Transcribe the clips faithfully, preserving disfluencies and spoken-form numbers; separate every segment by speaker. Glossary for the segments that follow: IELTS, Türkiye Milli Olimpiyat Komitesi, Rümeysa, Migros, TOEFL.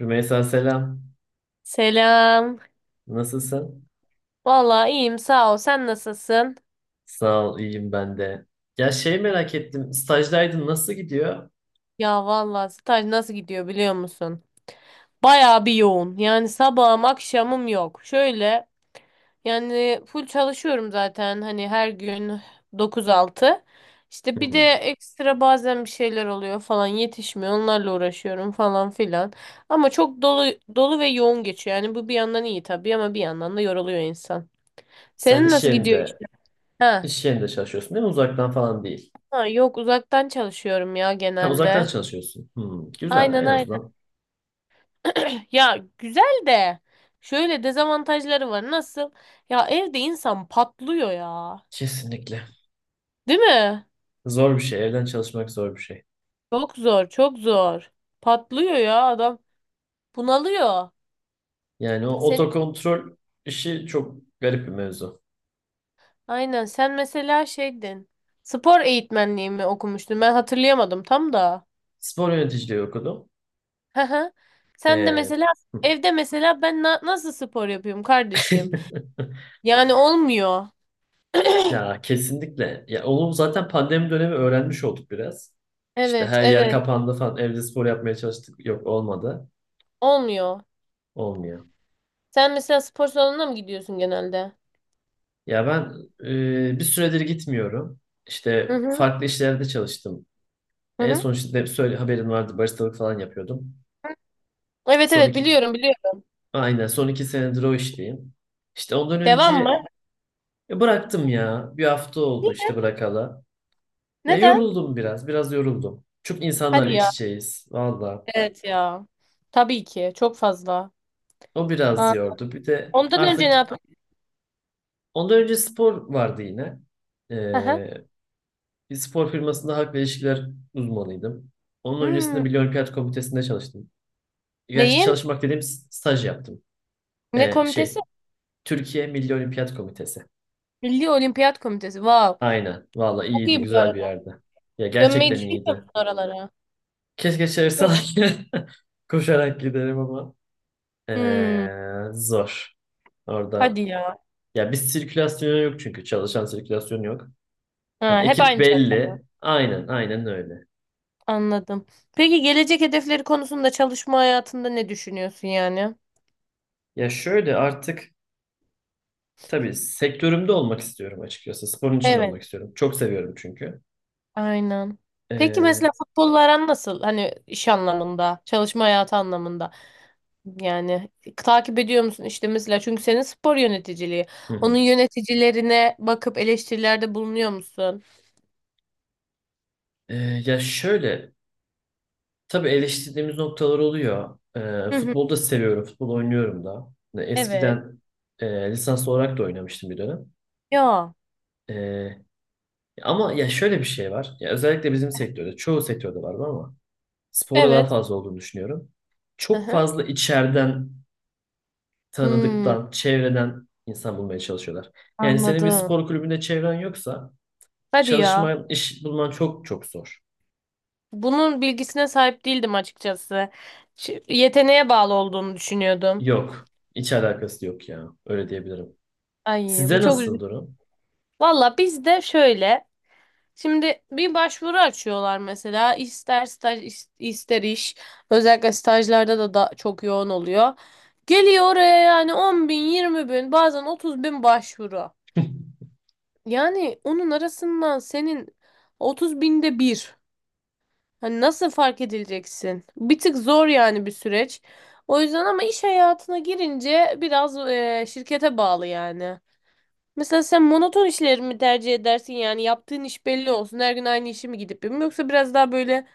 Speaker 1: Rümeysa selam.
Speaker 2: Selam.
Speaker 1: Nasılsın?
Speaker 2: Valla iyiyim sağ ol. Sen nasılsın?
Speaker 1: Sağ ol, iyiyim ben de. Ya şey
Speaker 2: İyi.
Speaker 1: merak ettim. Stajdaydın nasıl gidiyor?
Speaker 2: Ya vallahi staj nasıl gidiyor biliyor musun? Bayağı bir yoğun. Yani sabahım akşamım yok. Şöyle yani full çalışıyorum zaten hani her gün dokuz altı. İşte
Speaker 1: Hı
Speaker 2: bir de
Speaker 1: hı.
Speaker 2: ekstra bazen bir şeyler oluyor falan yetişmiyor. Onlarla uğraşıyorum falan filan. Ama çok dolu dolu ve yoğun geçiyor. Yani bu bir yandan iyi tabii ama bir yandan da yoruluyor insan.
Speaker 1: Sen
Speaker 2: Senin
Speaker 1: iş
Speaker 2: nasıl gidiyor
Speaker 1: yerinde,
Speaker 2: işte?
Speaker 1: iş yerinde çalışıyorsun değil mi? Uzaktan falan değil.
Speaker 2: Ha, yok uzaktan çalışıyorum ya
Speaker 1: Ha, uzaktan
Speaker 2: genelde.
Speaker 1: çalışıyorsun. Hmm, güzel
Speaker 2: Aynen
Speaker 1: en
Speaker 2: aynen.
Speaker 1: azından.
Speaker 2: Ya güzel de şöyle dezavantajları var. Nasıl? Ya evde insan patlıyor ya.
Speaker 1: Kesinlikle.
Speaker 2: Değil mi?
Speaker 1: Zor bir şey. Evden çalışmak zor bir şey.
Speaker 2: Çok zor, çok zor. Patlıyor ya adam. Bunalıyor.
Speaker 1: Yani o
Speaker 2: Seni
Speaker 1: otokontrol işi çok garip bir mevzu.
Speaker 2: aynen sen mesela şeydin. Spor eğitmenliği mi okumuştun? Ben hatırlayamadım tam da.
Speaker 1: Spor yöneticiliği okudum.
Speaker 2: Hı hı. Sen de
Speaker 1: Ee,
Speaker 2: mesela evde mesela ben na- nasıl spor yapıyorum kardeşim? Yani olmuyor.
Speaker 1: Ya kesinlikle. Ya onu zaten pandemi dönemi öğrenmiş olduk biraz. İşte
Speaker 2: Evet,
Speaker 1: her yer
Speaker 2: evet.
Speaker 1: kapandı falan. Evde spor yapmaya çalıştık. Yok, olmadı.
Speaker 2: Olmuyor.
Speaker 1: Olmuyor.
Speaker 2: Sen mesela spor salonuna mı gidiyorsun genelde?
Speaker 1: Ya ben e, bir süredir gitmiyorum.
Speaker 2: Hı
Speaker 1: İşte
Speaker 2: hı.
Speaker 1: farklı işlerde çalıştım.
Speaker 2: Hı
Speaker 1: En
Speaker 2: hı.
Speaker 1: son işte söyle, haberin vardı. Baristalık falan yapıyordum.
Speaker 2: Evet
Speaker 1: Son
Speaker 2: evet
Speaker 1: iki,
Speaker 2: biliyorum biliyorum.
Speaker 1: aynen son iki senedir o işteyim. İşte ondan
Speaker 2: Devam
Speaker 1: önce
Speaker 2: mı?
Speaker 1: e, bıraktım ya. Bir hafta oldu işte bırakalı. Ya
Speaker 2: Neden?
Speaker 1: yoruldum biraz. Biraz yoruldum. Çok insanlarla
Speaker 2: Hadi
Speaker 1: iç
Speaker 2: ya.
Speaker 1: içeyiz. Valla.
Speaker 2: Evet ya. Tabii ki. Çok fazla.
Speaker 1: O biraz
Speaker 2: Aa,
Speaker 1: yordu. Bir de
Speaker 2: ondan önce
Speaker 1: artık
Speaker 2: ne yapıyorsun?
Speaker 1: ondan önce spor vardı yine.
Speaker 2: Aha.
Speaker 1: Ee, bir spor firmasında hak ve ilişkiler uzmanıydım. Onun öncesinde
Speaker 2: Hmm.
Speaker 1: Milli Olimpiyat Komitesi'nde çalıştım. Gerçi
Speaker 2: Neyin?
Speaker 1: çalışmak dediğim s- staj yaptım.
Speaker 2: Ne
Speaker 1: Ee,
Speaker 2: komitesi?
Speaker 1: şey, Türkiye Milli Olimpiyat Komitesi.
Speaker 2: Milli Olimpiyat Komitesi. Wow.
Speaker 1: Aynen. Valla
Speaker 2: Çok
Speaker 1: iyiydi,
Speaker 2: iyi bu
Speaker 1: güzel bir
Speaker 2: arada.
Speaker 1: yerdi. Ya
Speaker 2: Dönmeyi
Speaker 1: gerçekten
Speaker 2: düşünüyor
Speaker 1: iyiydi.
Speaker 2: musun oralara?
Speaker 1: Keşke
Speaker 2: Yok.
Speaker 1: çalışsaydı. Koşarak giderim ama.
Speaker 2: Hmm.
Speaker 1: Ee, zor. Orada.
Speaker 2: Hadi ya.
Speaker 1: Ya bir sirkülasyon yok çünkü. Çalışan sirkülasyon yok.
Speaker 2: Ha,
Speaker 1: Yani
Speaker 2: hep
Speaker 1: ekip
Speaker 2: aynı şey.
Speaker 1: belli. Aynen, aynen öyle.
Speaker 2: Anladım. Peki gelecek hedefleri konusunda çalışma hayatında ne düşünüyorsun yani?
Speaker 1: Ya şöyle artık tabii sektörümde olmak istiyorum açıkçası. Sporun içinde
Speaker 2: Evet.
Speaker 1: olmak istiyorum. Çok seviyorum çünkü.
Speaker 2: Aynen. Peki mesela
Speaker 1: Ee,
Speaker 2: futbolla aran nasıl? Hani iş anlamında, çalışma hayatı anlamında. Yani takip ediyor musun işte mesela çünkü senin spor yöneticiliği.
Speaker 1: hı
Speaker 2: Onun
Speaker 1: hı.
Speaker 2: yöneticilerine bakıp eleştirilerde bulunuyor musun?
Speaker 1: Ee, ya şöyle tabii eleştirdiğimiz noktalar oluyor. Ee,
Speaker 2: Hı hı.
Speaker 1: futbolu da seviyorum. Futbol oynuyorum da. Yani
Speaker 2: Evet.
Speaker 1: eskiden e, lisans olarak da oynamıştım bir dönem.
Speaker 2: Ya.
Speaker 1: Ee, ama ya şöyle bir şey var. Ya özellikle bizim sektörde, çoğu sektörde var bu ama sporda daha
Speaker 2: Evet.
Speaker 1: fazla olduğunu düşünüyorum.
Speaker 2: Hı
Speaker 1: Çok
Speaker 2: hı.
Speaker 1: fazla içeriden,
Speaker 2: Hmm,
Speaker 1: tanıdıktan, çevreden insan bulmaya çalışıyorlar. Yani senin bir
Speaker 2: anladım.
Speaker 1: spor kulübünde çevren yoksa
Speaker 2: Hadi ya.
Speaker 1: çalışman, iş bulman çok çok zor.
Speaker 2: Bunun bilgisine sahip değildim açıkçası. Ş- Yeteneğe bağlı olduğunu düşünüyordum.
Speaker 1: Yok. Hiç alakası yok ya. Öyle diyebilirim.
Speaker 2: Ay, bu
Speaker 1: Sizde
Speaker 2: çok
Speaker 1: nasıl
Speaker 2: üzücü.
Speaker 1: durum?
Speaker 2: Valla bizde şöyle, şimdi bir başvuru açıyorlar mesela ister staj is- ister iş, özellikle stajlarda da, da çok yoğun oluyor. Geliyor oraya yani on bin yirmi bin bazen otuz bin başvuru. Yani onun arasından senin otuz binde bir. Hani nasıl fark edileceksin? Bir tık zor yani, bir süreç. O yüzden ama iş hayatına girince biraz e, şirkete bağlı yani. Mesela sen monoton işleri mi tercih edersin, yani yaptığın iş belli olsun her gün aynı işi mi gidip yapayım, yoksa biraz daha böyle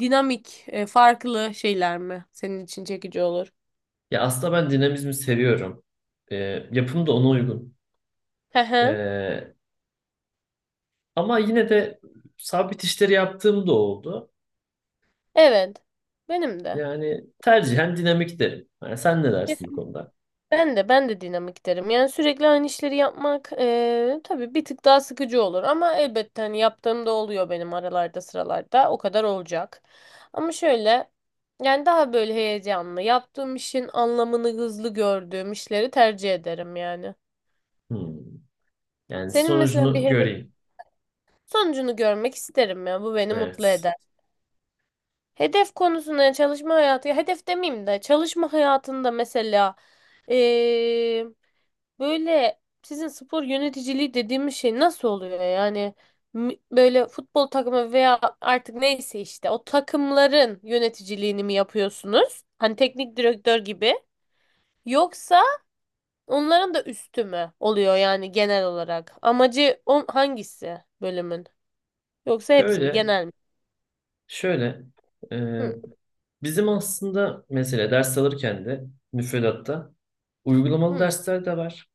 Speaker 2: dinamik e, farklı şeyler mi senin için çekici olur?
Speaker 1: Ya aslında ben dinamizmi seviyorum. Ee, yapım da ona uygun.
Speaker 2: Hı hı.
Speaker 1: Ee, ama yine de sabit işleri yaptığım da oldu.
Speaker 2: Evet. Benim de.
Speaker 1: Yani tercihen dinamik derim. Yani sen ne dersin bu konuda?
Speaker 2: Ben de ben de dinamik derim. Yani sürekli aynı işleri yapmak eee tabii bir tık daha sıkıcı olur, ama elbette hani yaptığım da oluyor benim aralarda sıralarda o kadar olacak. Ama şöyle, yani daha böyle heyecanlı, yaptığım işin anlamını hızlı gördüğüm işleri tercih ederim yani.
Speaker 1: Hmm. Yani
Speaker 2: Senin mesela bir
Speaker 1: sonucunu
Speaker 2: hedef
Speaker 1: göreyim.
Speaker 2: sonucunu görmek isterim ya, bu beni mutlu
Speaker 1: Evet.
Speaker 2: eder. Hedef konusunda çalışma hayatı, ya hedef demeyeyim de, çalışma hayatında mesela eee, böyle sizin spor yöneticiliği dediğimiz şey nasıl oluyor yani? M- böyle futbol takımı veya artık neyse işte o takımların yöneticiliğini mi yapıyorsunuz? Hani teknik direktör gibi, yoksa onların da üstü mü oluyor yani genel olarak? Amacı on hangisi bölümün? Yoksa hepsi mi,
Speaker 1: Şöyle
Speaker 2: genel mi?
Speaker 1: Şöyle, e,
Speaker 2: Hı,
Speaker 1: bizim aslında mesela ders alırken de müfredatta uygulamalı
Speaker 2: hı.
Speaker 1: dersler de var.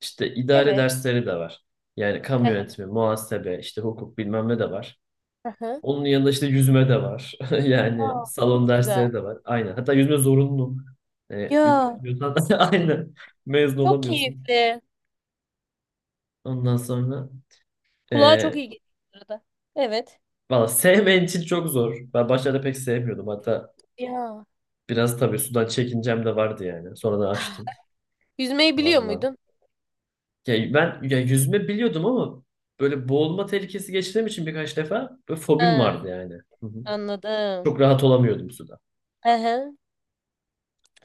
Speaker 1: İşte idare
Speaker 2: Evet.
Speaker 1: dersleri de var. Yani kamu
Speaker 2: Hı hı.
Speaker 1: yönetimi, muhasebe, işte hukuk bilmem ne de var.
Speaker 2: Hı hı.
Speaker 1: Onun yanında işte yüzme de var.
Speaker 2: Aa,
Speaker 1: Yani salon
Speaker 2: çok güzel.
Speaker 1: dersleri de var. Aynen. Hatta yüzme zorunlu. E, yüzme
Speaker 2: Ya,
Speaker 1: bilmiyorsan aynen mezun
Speaker 2: çok
Speaker 1: olamıyorsun.
Speaker 2: keyifli.
Speaker 1: Ondan sonra
Speaker 2: Kulağa çok
Speaker 1: e,
Speaker 2: iyi geliyor bu arada. Evet.
Speaker 1: valla sevmeyen için çok zor. Ben başlarda pek sevmiyordum. Hatta
Speaker 2: Ya.
Speaker 1: biraz tabii sudan çekincem de vardı yani. Sonradan açtım.
Speaker 2: Yüzmeyi biliyor
Speaker 1: Vallahi.
Speaker 2: muydun?
Speaker 1: Ya ben ya yüzme biliyordum ama böyle boğulma tehlikesi geçirdiğim için birkaç defa böyle fobim
Speaker 2: Ha,
Speaker 1: vardı yani. Hı hı.
Speaker 2: anladım.
Speaker 1: Çok rahat olamıyordum suda.
Speaker 2: Hı hı.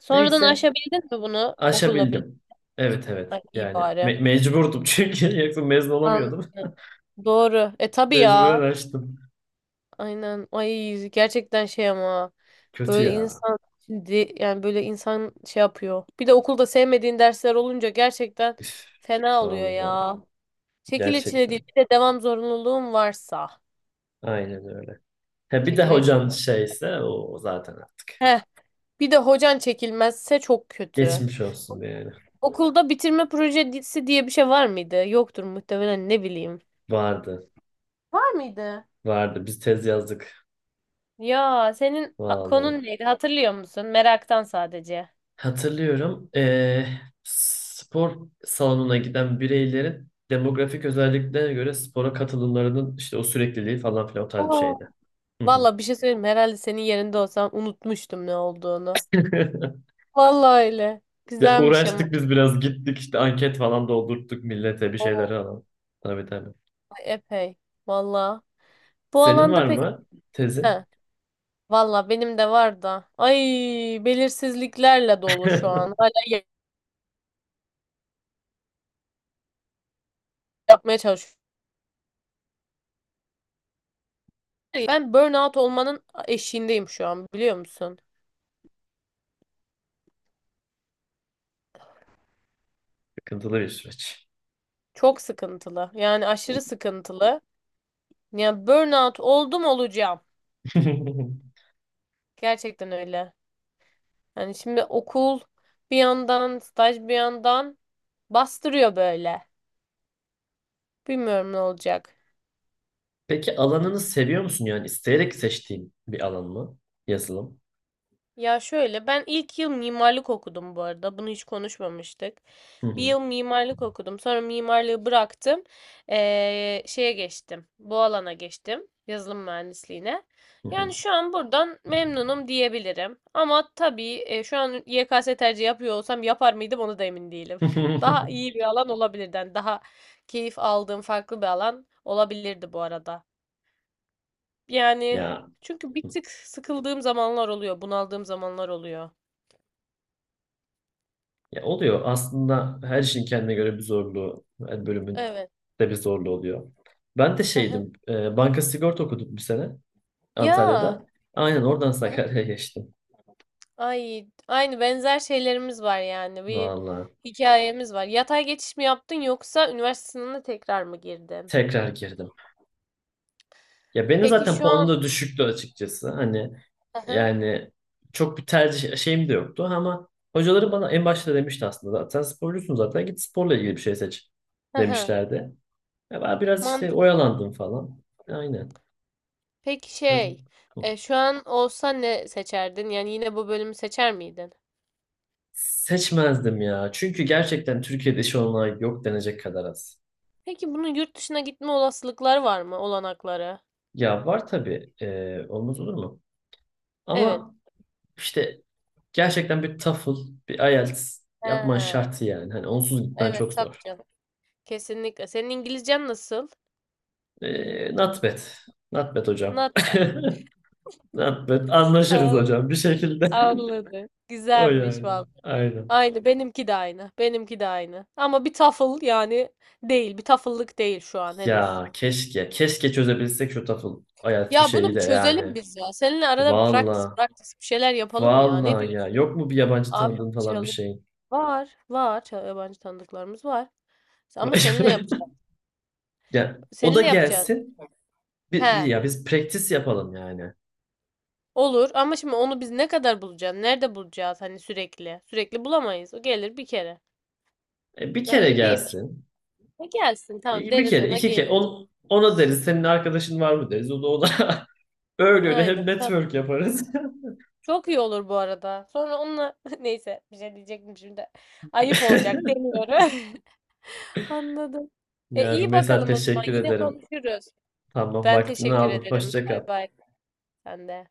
Speaker 2: Sonradan
Speaker 1: Neyse
Speaker 2: aşabildin mi bunu okulla birlikte?
Speaker 1: aşabildim. Evet, evet
Speaker 2: Ay, iyi
Speaker 1: yani
Speaker 2: bari.
Speaker 1: me- mecburdum çünkü yoksa mezun
Speaker 2: An
Speaker 1: olamıyordum.
Speaker 2: doğru. E tabii
Speaker 1: Mecburen
Speaker 2: ya.
Speaker 1: açtım.
Speaker 2: Aynen. Ay gerçekten şey ama
Speaker 1: Kötü
Speaker 2: böyle
Speaker 1: ya.
Speaker 2: insan, şimdi yani böyle insan şey yapıyor. Bir de okulda sevmediğin dersler olunca gerçekten
Speaker 1: Üf,
Speaker 2: fena oluyor
Speaker 1: vallahi
Speaker 2: ya. Çekil içine değil.
Speaker 1: gerçekten.
Speaker 2: Bir de devam zorunluluğun varsa.
Speaker 1: Aynen öyle. Ha, bir de
Speaker 2: Çekilir. Çile.
Speaker 1: hocan şeyse o zaten artık.
Speaker 2: Heh. Bir de hocan çekilmezse çok kötü.
Speaker 1: Geçmiş olsun yani.
Speaker 2: Okulda bitirme projesi diye bir şey var mıydı? Yoktur muhtemelen, ne bileyim.
Speaker 1: Vardı.
Speaker 2: Var mıydı?
Speaker 1: Vardı. Biz tez yazdık.
Speaker 2: Ya, senin a-
Speaker 1: Vallahi.
Speaker 2: konun neydi hatırlıyor musun? Meraktan sadece.
Speaker 1: Hatırlıyorum. eee, spor salonuna giden bireylerin demografik özelliklerine göre spora katılımlarının işte o sürekliliği falan filan o tarz bir
Speaker 2: Oo.
Speaker 1: şeydi. Hı hı.
Speaker 2: Valla bir şey söyleyeyim mi? Herhalde senin yerinde olsam unutmuştum ne olduğunu. Valla öyle.
Speaker 1: Ya
Speaker 2: Güzelmiş ama.
Speaker 1: uğraştık biz biraz, gittik işte anket falan doldurttuk millete bir şeyler
Speaker 2: Oo,
Speaker 1: falan. Tabii, tabii.
Speaker 2: epey. Valla. Bu
Speaker 1: Senin var
Speaker 2: alanda pek...
Speaker 1: mı
Speaker 2: He.
Speaker 1: tezin?
Speaker 2: Valla benim de var da. Ay, belirsizliklerle dolu şu an. Hala ya- yapmaya çalışıyorum. Ben burnout olmanın eşiğindeyim şu an, biliyor musun?
Speaker 1: Sıkıntılı bir süreç.
Speaker 2: Çok sıkıntılı. Yani aşırı sıkıntılı. Yani burnout oldum olacağım. Gerçekten öyle. Yani şimdi okul bir yandan, staj bir yandan bastırıyor böyle. Bilmiyorum ne olacak.
Speaker 1: Peki alanını seviyor musun, yani isteyerek seçtiğin bir alan mı? Yazılım.
Speaker 2: Ya şöyle, ben ilk yıl mimarlık okudum bu arada. Bunu hiç konuşmamıştık.
Speaker 1: Hı
Speaker 2: Bir
Speaker 1: hı.
Speaker 2: yıl mimarlık okudum. Sonra mimarlığı bıraktım. Ee, şeye geçtim. Bu alana geçtim. Yazılım mühendisliğine.
Speaker 1: Hı
Speaker 2: Yani
Speaker 1: hı.
Speaker 2: şu an buradan memnunum diyebilirim. Ama tabii e, şu an Y K S tercih yapıyor olsam yapar mıydım onu da emin değilim. Daha iyi bir alan olabilirdi. Yani daha keyif aldığım farklı bir alan olabilirdi bu arada. Yani
Speaker 1: Ya,
Speaker 2: çünkü bir tık sıkıldığım zamanlar oluyor, bunaldığım zamanlar oluyor.
Speaker 1: ya oluyor. Aslında her şeyin kendine göre bir zorluğu, her bölümün
Speaker 2: Evet.
Speaker 1: de bir zorluğu oluyor. Ben de
Speaker 2: Hı hı.
Speaker 1: şeydim, e, banka sigorta okuduk bir sene
Speaker 2: Ya.
Speaker 1: Antalya'da. Aynen oradan
Speaker 2: Hı hı.
Speaker 1: Sakarya'ya geçtim.
Speaker 2: Ay, aynı benzer şeylerimiz var yani. Bir
Speaker 1: Vallahi
Speaker 2: hikayemiz var. Yatay geçiş mi yaptın yoksa üniversite sınavına tekrar mı girdin?
Speaker 1: tekrar girdim. Ya benim
Speaker 2: Peki
Speaker 1: zaten
Speaker 2: şu
Speaker 1: puanım
Speaker 2: an.
Speaker 1: da düşüktü açıkçası. Hani
Speaker 2: Hı hı.
Speaker 1: yani çok bir tercih şeyim de yoktu ama hocaları bana en başta demişti, aslında zaten sporcusun, zaten git sporla ilgili bir şey seç
Speaker 2: Hı hı.
Speaker 1: demişlerdi. Ya ben biraz işte
Speaker 2: Mantıklı.
Speaker 1: oyalandım falan. Aynen.
Speaker 2: Peki
Speaker 1: Ya,
Speaker 2: şey, e, şu an olsa ne seçerdin? Yani yine bu bölümü seçer miydin?
Speaker 1: seçmezdim ya. Çünkü gerçekten Türkiye'de iş olmayan yok denecek kadar az.
Speaker 2: Peki bunun yurt dışına gitme olasılıkları var mı? Olanakları?
Speaker 1: Ya var tabii. eee, olmaz olur mu?
Speaker 2: Evet.
Speaker 1: Ama işte gerçekten bir TOEFL, bir I E L T S yapman
Speaker 2: He,
Speaker 1: şart yani. Hani onsuz gitmen
Speaker 2: evet
Speaker 1: çok
Speaker 2: tabii
Speaker 1: zor.
Speaker 2: canım. Kesinlikle. Senin İngilizcen nasıl?
Speaker 1: Eee not bad. Not bad hocam.
Speaker 2: Not
Speaker 1: Not bad. Anlaşırız
Speaker 2: bad.
Speaker 1: hocam bir şekilde.
Speaker 2: Anladım.
Speaker 1: O
Speaker 2: Güzelmiş
Speaker 1: yani.
Speaker 2: vallahi.
Speaker 1: Aynen.
Speaker 2: Aynı benimki de aynı. Benimki de aynı. Ama bir tafıl yani değil. Bir tafıllık değil şu an henüz.
Speaker 1: Ya keşke. Keşke çözebilsek şu TOEFL I E L T S bir
Speaker 2: Ya bunu
Speaker 1: şeyi
Speaker 2: bir
Speaker 1: de
Speaker 2: çözelim
Speaker 1: yani.
Speaker 2: biz ya. Seninle arada bir practice
Speaker 1: Vallahi.
Speaker 2: practice bir şeyler yapalım ya. Ne
Speaker 1: Vallahi, ya
Speaker 2: diyorsun?
Speaker 1: yok mu bir yabancı
Speaker 2: Abi
Speaker 1: tanıdığın falan bir
Speaker 2: çalı
Speaker 1: şeyin?
Speaker 2: var var Çal- yabancı tanıdıklarımız var. Ama seninle yapacağız.
Speaker 1: Ya o da
Speaker 2: Seninle yapacağız.
Speaker 1: gelsin. Bir, bir
Speaker 2: He.
Speaker 1: ya biz practice yapalım yani.
Speaker 2: Olur, ama şimdi onu biz ne kadar bulacağız? Nerede bulacağız hani sürekli? Sürekli bulamayız. O gelir bir kere.
Speaker 1: E, bir kere
Speaker 2: Öyle değil mi?
Speaker 1: gelsin.
Speaker 2: E gelsin, tamam
Speaker 1: E, bir
Speaker 2: deriz,
Speaker 1: kere,
Speaker 2: ona
Speaker 1: iki kere.
Speaker 2: gelir.
Speaker 1: On, ona deriz senin arkadaşın var mı deriz. O da ona öyle öyle hem
Speaker 2: Aynen.
Speaker 1: network yaparız.
Speaker 2: Çok iyi olur bu arada. Sonra onunla neyse, bir şey diyecektim şimdi. Ayıp olacak demiyorum. Anladım. E
Speaker 1: Ya
Speaker 2: iyi
Speaker 1: Rümeysa,
Speaker 2: bakalım o zaman.
Speaker 1: teşekkür
Speaker 2: Yine
Speaker 1: ederim.
Speaker 2: konuşuruz.
Speaker 1: Tamam,
Speaker 2: Ben
Speaker 1: vaktini
Speaker 2: teşekkür
Speaker 1: aldım.
Speaker 2: ederim.
Speaker 1: Hoşça kal.
Speaker 2: Bay bay. Sen de.